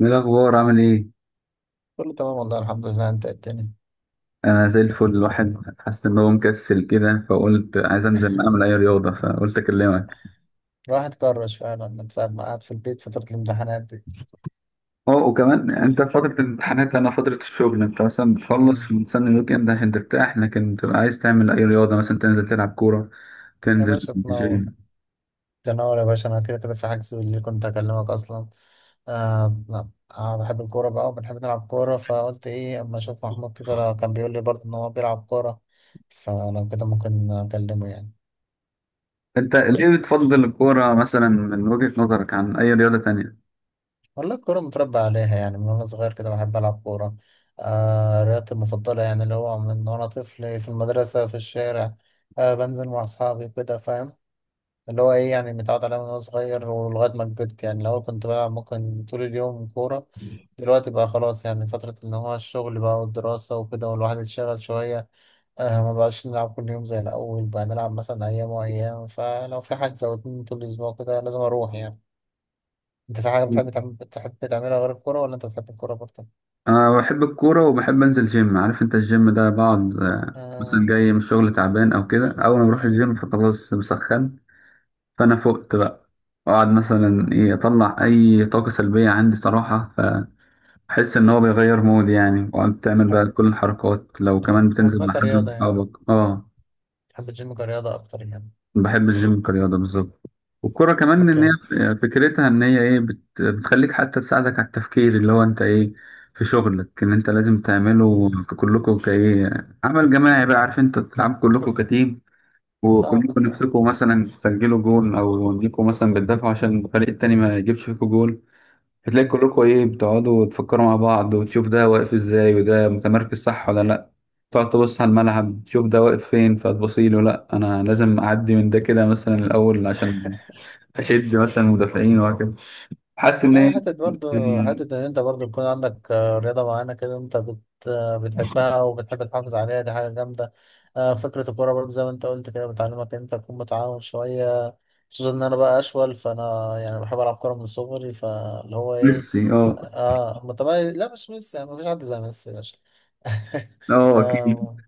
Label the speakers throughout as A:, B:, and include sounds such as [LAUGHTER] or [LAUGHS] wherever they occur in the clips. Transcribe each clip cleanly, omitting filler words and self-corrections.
A: ايه الاخبار؟ عامل ايه؟
B: كله تمام، والله الحمد لله. انت إيه الدنيا؟
A: انا زي الفل. الواحد حاسس ان هو مكسل كده، فقلت عايز انزل اعمل اي رياضه فقلت اكلمك.
B: الواحد كرش فعلا من ساعة ما قعد في البيت فترة الامتحانات دي.
A: اه وكمان انت في فتره الامتحانات، انا فتره الشغل. انت مثلا
B: مم.
A: بتخلص وتستنى الويك اند عشان ترتاح، لكن بتبقى عايز تعمل اي رياضه، مثلا تنزل تلعب كوره،
B: يا
A: تنزل
B: باشا تنور.
A: جيم.
B: تنور يا باشا، انا كده كده في حجز، اللي كنت اكلمك اصلا. آه، لا، آه، بحب الكورة بقى وبنحب نلعب كورة، فقلت ايه اما اشوف محمود كده لو كان بيقول لي برضه ان هو بيلعب كورة، فلو كده ممكن اكلمه يعني.
A: انت ليه بتفضل الكوره مثلا من وجهه نظرك عن اي رياضه تانية؟
B: والله الكورة متربى عليها يعني من وانا صغير كده بحب العب كورة. آه، رياضتي المفضلة، يعني اللي هو من وانا طفل في المدرسة في الشارع. آه، بنزل مع أصحابي كده فاهم. اللي هو ايه يعني متعود عليها من وانا صغير ولغاية ما كبرت يعني. الأول كنت بلعب ممكن طول اليوم كورة، دلوقتي بقى خلاص يعني فترة إن هو الشغل بقى والدراسة وكده والواحد اتشغل شوية. آه، ما بقاش نلعب كل يوم زي الأول، بقى نلعب مثلا أيام وأيام، فلو في حجز أو اتنين طول الأسبوع كده لازم أروح يعني. أنت في حاجة بتحب بتحب تعملها غير الكورة، ولا أنت بتحب الكورة برضه؟
A: انا بحب الكوره وبحب انزل جيم. عارف انت الجيم ده؟ بقعد مثلا
B: آه،
A: جاي من الشغل تعبان او كده، اول ما بروح الجيم فخلاص بسخن، فانا فقت بقى. اقعد مثلا ايه، اطلع اي طاقه سلبيه عندي صراحه. فاحس ان هو بيغير مود يعني، وقعدت تعمل
B: بحب
A: بقى كل الحركات، لو كمان بتنزل
B: بحبها
A: مع حد من
B: كرياضة يعني.
A: اصحابك. اه
B: بحب الجيم كرياضة أكتر يعني.
A: بحب الجيم كرياضه بالظبط. والكرة كمان إن هي
B: أوكي.
A: فكرتها إن هي إيه، بتخليك حتى تساعدك على التفكير اللي هو أنت إيه في شغلك إن أنت لازم تعمله.
B: مم.
A: كلكم كإيه عمل جماعي بقى، عارف، أنت تلعب كلكم كتيم،
B: فاهمك
A: وكلكم
B: فاهمك.
A: نفسكم مثلا تسجلوا جول، او انكم مثلا بتدافعوا عشان الفريق التاني ما يجيبش فيكم جول. فتلاقي كلكم ايه، بتقعدوا تفكروا مع بعض وتشوف ده واقف ازاي، وده متمركز صح ولا لا. تقعد تبص على الملعب، تشوف ده واقف فين، فتبصيله لا انا لازم اعدي من ده كده مثلا الاول عشان اشد مثلا المدافعين، وهكذا. حاسس ان
B: لا،
A: هي
B: حتة برضه،
A: يعني
B: حتة إن أنت برضه يكون عندك، آه، رياضة معينة كده. أنت بت آه، بتحبها وبتحب تحافظ عليها، دي حاجة جامدة. آه، فكرة الكورة برضه زي ما أنت قلت كده بتعلمك إن أنت تكون متعاون شوية، خصوصا إن أنا بقى أشول فأنا يعني بحب ألعب كورة من صغري فاللي هو إيه.
A: ميسي. اه.
B: آه، متميز. لا مش ميسي يعني، مفيش حد زي ميسي يا باشا.
A: اه اكيد.
B: [LAUGHS]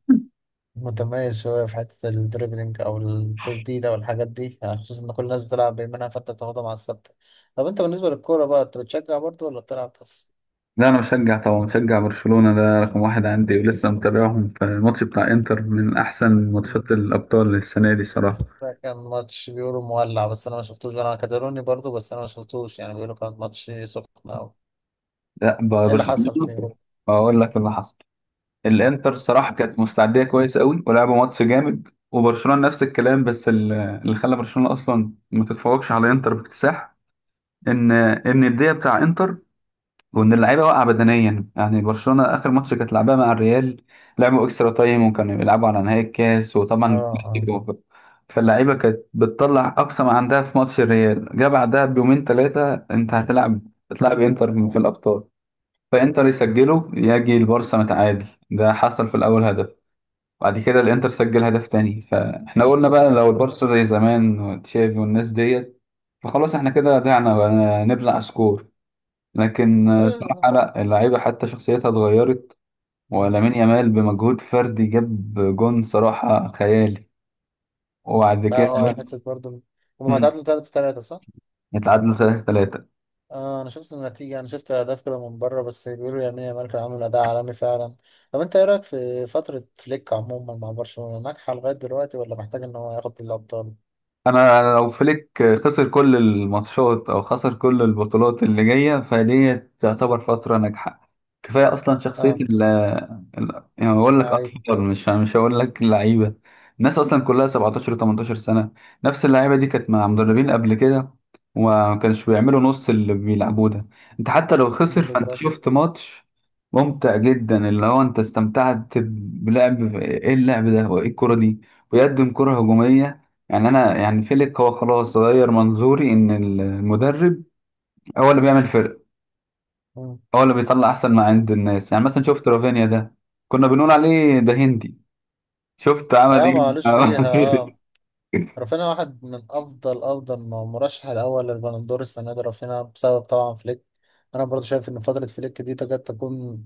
B: متميز شوية في حتة الدريبلينج أو التسديدة والحاجات دي يعني، خصوصا إن كل الناس بتلعب بيمينها فأنت بتاخدها مع الثابتة. طب أنت بالنسبة للكورة بقى، أنت بتشجع برضو ولا بتلعب بس؟
A: لا انا مشجع طبعا، مشجع برشلونة، ده رقم واحد عندي، ولسه متابعهم في الماتش بتاع انتر، من احسن ماتشات
B: مم.
A: الابطال السنة دي صراحة.
B: ده كان ماتش بيقولوا مولع بس أنا ما شفتوش، أنا كاتالوني برضو بس أنا ما شفتوش يعني، بيقولوا كان ماتش سخن أوي.
A: لا
B: إيه اللي
A: برشلونة.
B: حصل فيه؟
A: اقول لك اللي حصل. الانتر صراحة كانت مستعدية كويس قوي ولعبوا ماتش جامد، وبرشلونة نفس الكلام، بس اللي خلى برشلونة اصلا ما تتفوقش على انتر باكتساح، ان ان الدقيقة بتاع انتر، وان اللعيبه واقعه بدنيا. يعني برشلونه اخر ماتش كانت لعبها مع الريال، لعبوا اكسترا تايم وكانوا بيلعبوا على نهائي الكاس
B: آه،
A: وطبعا
B: آه.
A: كلاسيكو. فاللعيبه كانت بتطلع اقصى ما عندها في ماتش الريال، جه بعدها بيومين 3 انت هتلعب، هتلعب انتر في الابطال. فانتر يسجله، يجي البارسا متعادل، ده حصل في الاول هدف. بعد كده الانتر سجل هدف تاني، فاحنا قلنا بقى لو البارسا زي زمان وتشافي والناس ديت، فخلاص احنا كده ضيعنا بقى، نبلع سكور. لكن
B: آه،
A: صراحة
B: آه.
A: لا، اللعيبة حتى شخصيتها اتغيرت.
B: مم.
A: ولامين يامال بمجهود فردي جاب جون صراحة خيالي.
B: مم.
A: وبعد
B: لا
A: كده
B: هو حتة برضو. هما
A: مم،
B: تعادلوا 3-3 صح؟
A: اتعادلوا 3-3.
B: اه، انا شفت النتيجة، انا شفت الاهداف كده من بره بس بيقولوا يمين يامال كان عامل اداء عالمي فعلا. طب انت ايه رايك في فترة فليك عموما مع برشلونة، ناجحة لغاية دلوقتي ولا محتاج ان هو ياخد الابطال؟
A: انا لو فليك خسر كل الماتشات او خسر كل البطولات اللي جايه، فدي تعتبر فتره ناجحه. كفايه اصلا شخصيه
B: اه،
A: ال، يعني بقول لك
B: لعيب.
A: اطفال، مش هقول لك لعيبه. الناس اصلا كلها 17 و18 سنه، نفس اللعيبه دي كانت مع مدربين قبل كده وما كانش بيعملوا نص اللي بيلعبوه ده. انت حتى لو خسر،
B: مم،
A: فانت
B: بالظبط.
A: شفت ماتش ممتع جدا، اللي هو انت استمتعت بلعب ايه اللعب ده وايه الكرة دي. بيقدم كرة هجومية يعني. انا يعني فيليك هو خلاص غير منظوري ان المدرب هو اللي بيعمل فرق،
B: مم.
A: هو اللي بيطلع احسن ما عند الناس. يعني مثلا شفت رافينيا ده، كنا بنقول عليه ده هندي، شفت عمل
B: اه، معلش فيها، اه،
A: ايه. [LAUGHS]
B: رافينيا واحد من افضل افضل مرشح الاول للبالندور السنة دي رافينيا، بسبب طبعا فليك. انا برضو شايف ان فترة فليك دي تكاد تكون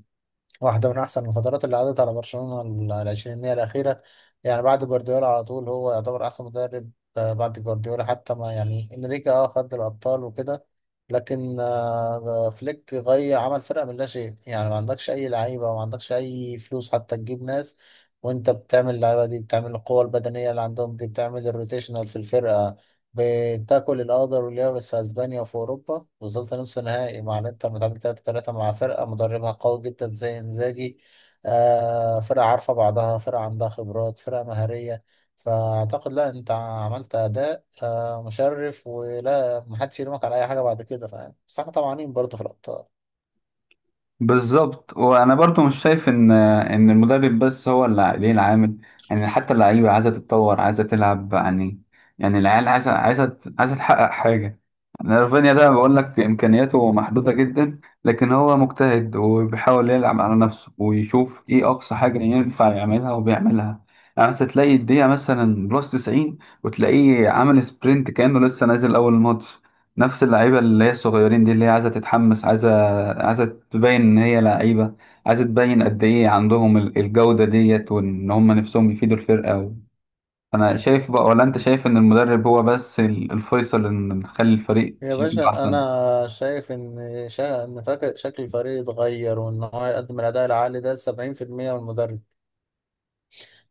B: واحدة من أحسن الفترات اللي عدت على برشلونة العشرينية الأخيرة. يعني بعد جوارديولا على طول هو يعتبر أحسن مدرب. آه، بعد جوارديولا حتى ما يعني إنريكي خد الأبطال وكده، لكن آه، فليك غي عمل فرقة من لا شيء. يعني ما عندكش أي لعيبة وما عندكش أي فلوس حتى تجيب ناس، وأنت بتعمل اللعيبة دي، بتعمل القوة البدنية اللي عندهم دي، بتعمل الروتيشنال في الفرقة، بتاكل الأخضر واليابس في أسبانيا وفي أوروبا، وصلت نص نهائي مع الإنتر متعادل 3-3 مع فرقة مدربها قوي جدا زي إنزاجي، آه، فرقة عارفة بعضها، فرقة عندها خبرات، فرقة مهارية. فأعتقد لا أنت عملت أداء آه مشرف، ولا محدش يلومك على أي حاجة بعد كده فاهم، بس احنا طمعانين برضه في الأبطال.
A: بالظبط. وانا برضو مش شايف ان المدرب بس هو اللي ليه العامل. يعني حتى اللعيبه عايزه تتطور، عايزه تلعب يعني. يعني العيال عايزه تحقق حاجه. يعني رافينيا ده بقول لك امكانياته محدوده جدا، لكن هو مجتهد وبيحاول يلعب على نفسه ويشوف ايه اقصى حاجه ينفع يعملها، وبيعملها. يعني مثلا تلاقي الدقيقه مثلا بلس 90، وتلاقيه عامل سبرنت كانه لسه نازل اول ماتش. نفس اللعيبه اللي هي الصغيرين دي، اللي هي عايزه تتحمس، عايزه، عايزة تبين إن هي لعيبة، عايزة تبين قد إيه عندهم الجودة ديت، وإن هم نفسهم يفيدوا الفرقة و... أنا شايف بقى، ولا أنت شايف إن المدرب هو بس الفيصل إن نخلي الفريق
B: يا
A: شكله
B: باشا
A: أحسن؟
B: أنا شايف إن فاكر شكل الفريق اتغير، وإن هو يقدم الأداء العالي ده 70% من المدرب.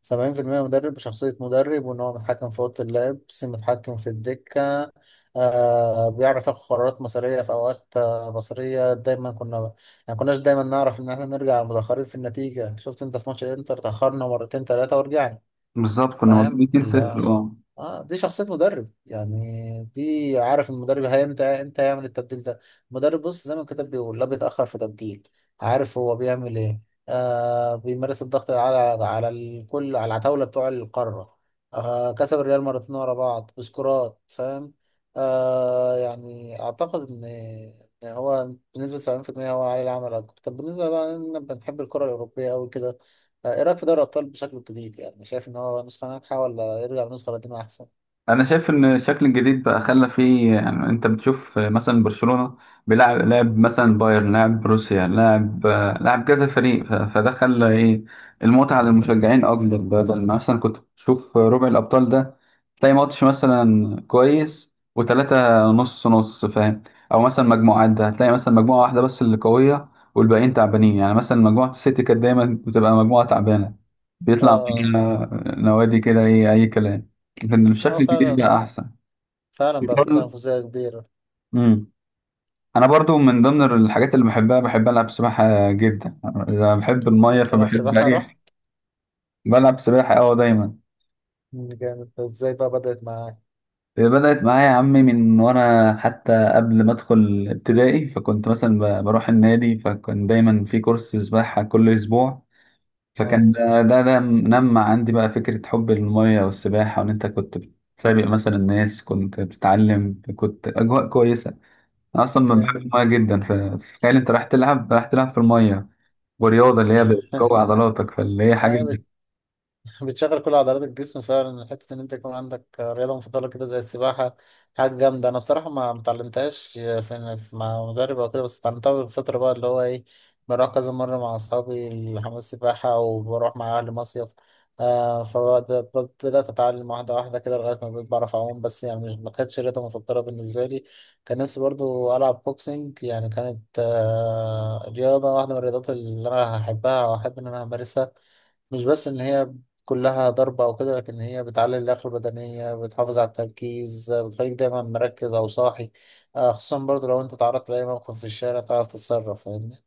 B: 70% مدرب بشخصية مدرب، وإن هو متحكم في أوضة اللبس، متحكم في الدكة. آه، بيعرف ياخد قرارات مصيرية في أوقات، آه، بصرية دايما كنا، يعني كناش دايما نعرف إن احنا نرجع متأخرين في النتيجة. شفت أنت في ماتش الإنتر تأخرنا مرتين تلاتة ورجعنا،
A: بالظبط، كنا واخدين
B: فاهم اللي هو.
A: 2-0. أه
B: اه، دي شخصية مدرب يعني، دي عارف المدرب هي امتى يعمل التبديل ده. المدرب بص زي ما الكتاب بيقول، لا بيتأخر في تبديل، عارف هو بيعمل ايه. آه، بيمارس الضغط على الكل، على العتاولة بتوع القارة. آه، كسب الريال مرتين ورا بعض بسكورات فاهم. آه، يعني اعتقد ان إن هو بنسبة 70% هو عليه العمل اكتر. طب بالنسبة بقى إن احنا بنحب الكرة الأوروبية أوي كده، آه، ايه رايك في دوري الابطال بشكل جديد؟ يعني شايف ان هو نسخه ناجحه، ولا يرجع للنسخه القديمه احسن؟
A: انا شايف ان الشكل الجديد بقى خلى فيه يعني، انت بتشوف مثلا برشلونة بيلعب لاعب، مثلا بايرن لاعب، بروسيا لاعب، كذا فريق، فده خلى ايه، المتعة للمشجعين اكبر. بدل ما مثلا كنت بتشوف ربع الابطال ده، تلاقي ماتش مثلا كويس وتلاتة نص نص، فاهم. او مثلا مجموعات ده، هتلاقي مثلا مجموعة واحدة بس اللي قوية والباقيين تعبانين،
B: مم.
A: يعني مثلا مجموعة السيتي كانت دايما بتبقى مجموعة تعبانة، بيطلع
B: اه.
A: فيها نوادي كده ايه، اي كلام. كان
B: اه، هو
A: بشكل كبير بقى
B: فعلا
A: احسن.
B: فعلا بقى في
A: برضه
B: تنافسيه كبيره.
A: امم انا برضو من ضمن الحاجات اللي بحبها، بحب العب سباحه جدا. انا بحب الميه
B: تلعب
A: فبحب
B: سباحه راح؟
A: اي، بلعب سباحه اه دايما.
B: مم، جامد. ازاي بقى بدات معاك؟
A: بدات معايا يا عمي من وانا حتى قبل ما ادخل ابتدائي. فكنت مثلا بروح النادي، فكان دايما في كورس سباحه كل اسبوع.
B: اه،
A: فكان ده نمى عندي بقى فكره حب الميه والسباحه، وان انت كنت بتسابق مثلا الناس، كنت بتتعلم، كنت اجواء كويسه. أنا اصلا ما بحبش
B: كان.
A: الميه جدا، فتخيل انت رايح تلعب، رايح تلعب في الميه ورياضه اللي هي بتقوي
B: [LAUGHS]
A: عضلاتك، فاللي هي حاجه.
B: ايوه، بتشغل كل عضلات الجسم فعلا. حتة إن أنت يكون عندك رياضة مفضلة كده زي السباحة حاجة جامدة. أنا بصراحة ما متعلمتهاش في مع مدرب أو كده، بس اتعلمتها بالفترة بقى اللي هو إيه، بروح كذا مرة مع أصحابي الحمام السباحة وبروح مع أهلي مصيف. آه، فبدأت أتعلم واحدة واحدة كده لغاية ما بقيت بعرف أعوم بس، يعني مش، ما كانتش رياضة مفضلة بالنسبة لي. كان نفسي برضو ألعب بوكسينج يعني، كانت آه رياضة واحدة من الرياضات اللي أنا هحبها وأحب إن أنا أمارسها. مش بس إن هي كلها ضربة أو كده، لكن هي بتعلي اللياقة البدنية، بتحافظ على التركيز، بتخليك دايما مركز أو صاحي. آه، خصوصا برضو لو أنت تعرضت لأي موقف في الشارع تعرف تتصرف فاهمني.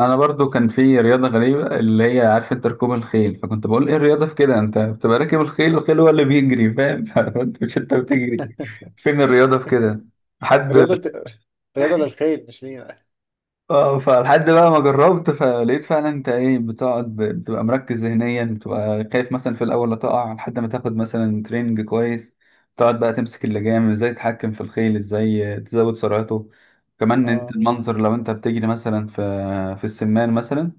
A: انا برضو كان في رياضه غريبه اللي هي، عارف انت، ركوب الخيل. فكنت بقول ايه الرياضه في كده، انت بتبقى راكب الخيل، الخيل هو اللي بيجري فاهم، [LAUGHS] فانت مش انت بتجري، فين الرياضه في كده. حد،
B: رياضة، رياضة للخير مش لينا.
A: اه، فلحد بقى ما جربت، فلقيت فعلا انت ايه، بتقعد، بتبقى مركز ذهنيا، بتبقى خايف مثلا في الاول لا تقع، لحد ما تاخد مثلا تريننج كويس، تقعد بقى تمسك اللجام ازاي، تتحكم في الخيل ازاي، تزود سرعته. كمان انت
B: اه.
A: المنظر، لو انت بتجري مثلا في في السمان مثلا،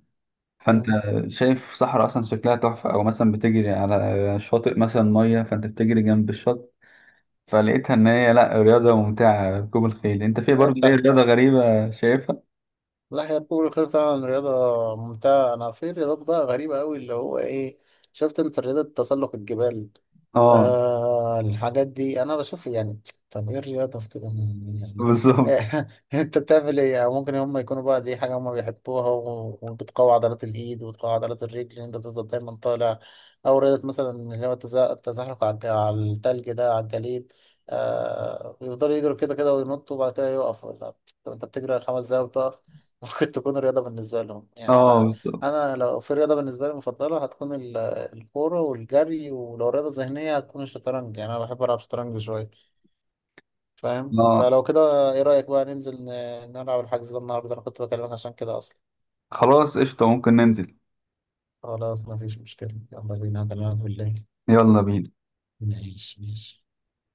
A: فانت
B: مم.
A: شايف صحراء اصلا شكلها تحفه، او مثلا بتجري على شاطئ مثلا ميه، فانت بتجري جنب الشط. فلقيتها ان هي لا رياضه ممتعه ركوب الخيل. انت في
B: هي
A: برضه ايه
B: بتاعت،
A: رياضه غريبه شايفها؟
B: لا هي ركوب الخيل فعلا رياضة ممتعة. أنا في رياضات بقى غريبة أوي اللي هو إيه، شفت أنت رياضة تسلق الجبال؟
A: اه
B: آه، الحاجات دي انا بشوف يعني طب ايه الرياضه في كده يعني.
A: بالظبط.
B: [LAUGHS] انت بتعمل ايه يعني؟ ممكن هم يكونوا بقى دي حاجه هم بيحبوها، وبتقوي عضلات الايد وبتقوي عضلات الرجل ان انت بتفضل دايما طالع. او رياضه مثلا اللي هو التزحلق على التلج ده، على الجليد، آه، يفضلوا يجروا كده كده وينطوا وبعد كده يقفوا. لا، طب انت بتجري 5 دقايق وتقف؟ [LAUGHS] ممكن تكون رياضه بالنسبه لهم يعني.
A: اه بالظبط.
B: فانا لو في رياضه بالنسبه لي مفضله هتكون الكورة والجري، ولو رياضة ذهنية هتكون الشطرنج. يعني أنا بحب ألعب شطرنج شوية فاهم.
A: اه
B: فلو كده إيه رأيك بقى ننزل نلعب الحجز ده النهاردة، أنا كنت بكلمك عشان كده أصلا.
A: خلاص قشطة، ممكن ننزل.
B: خلاص مفيش مشكلة، يلا بينا، هكلمك بالليل.
A: يلا بينا.
B: ماشي ماشي.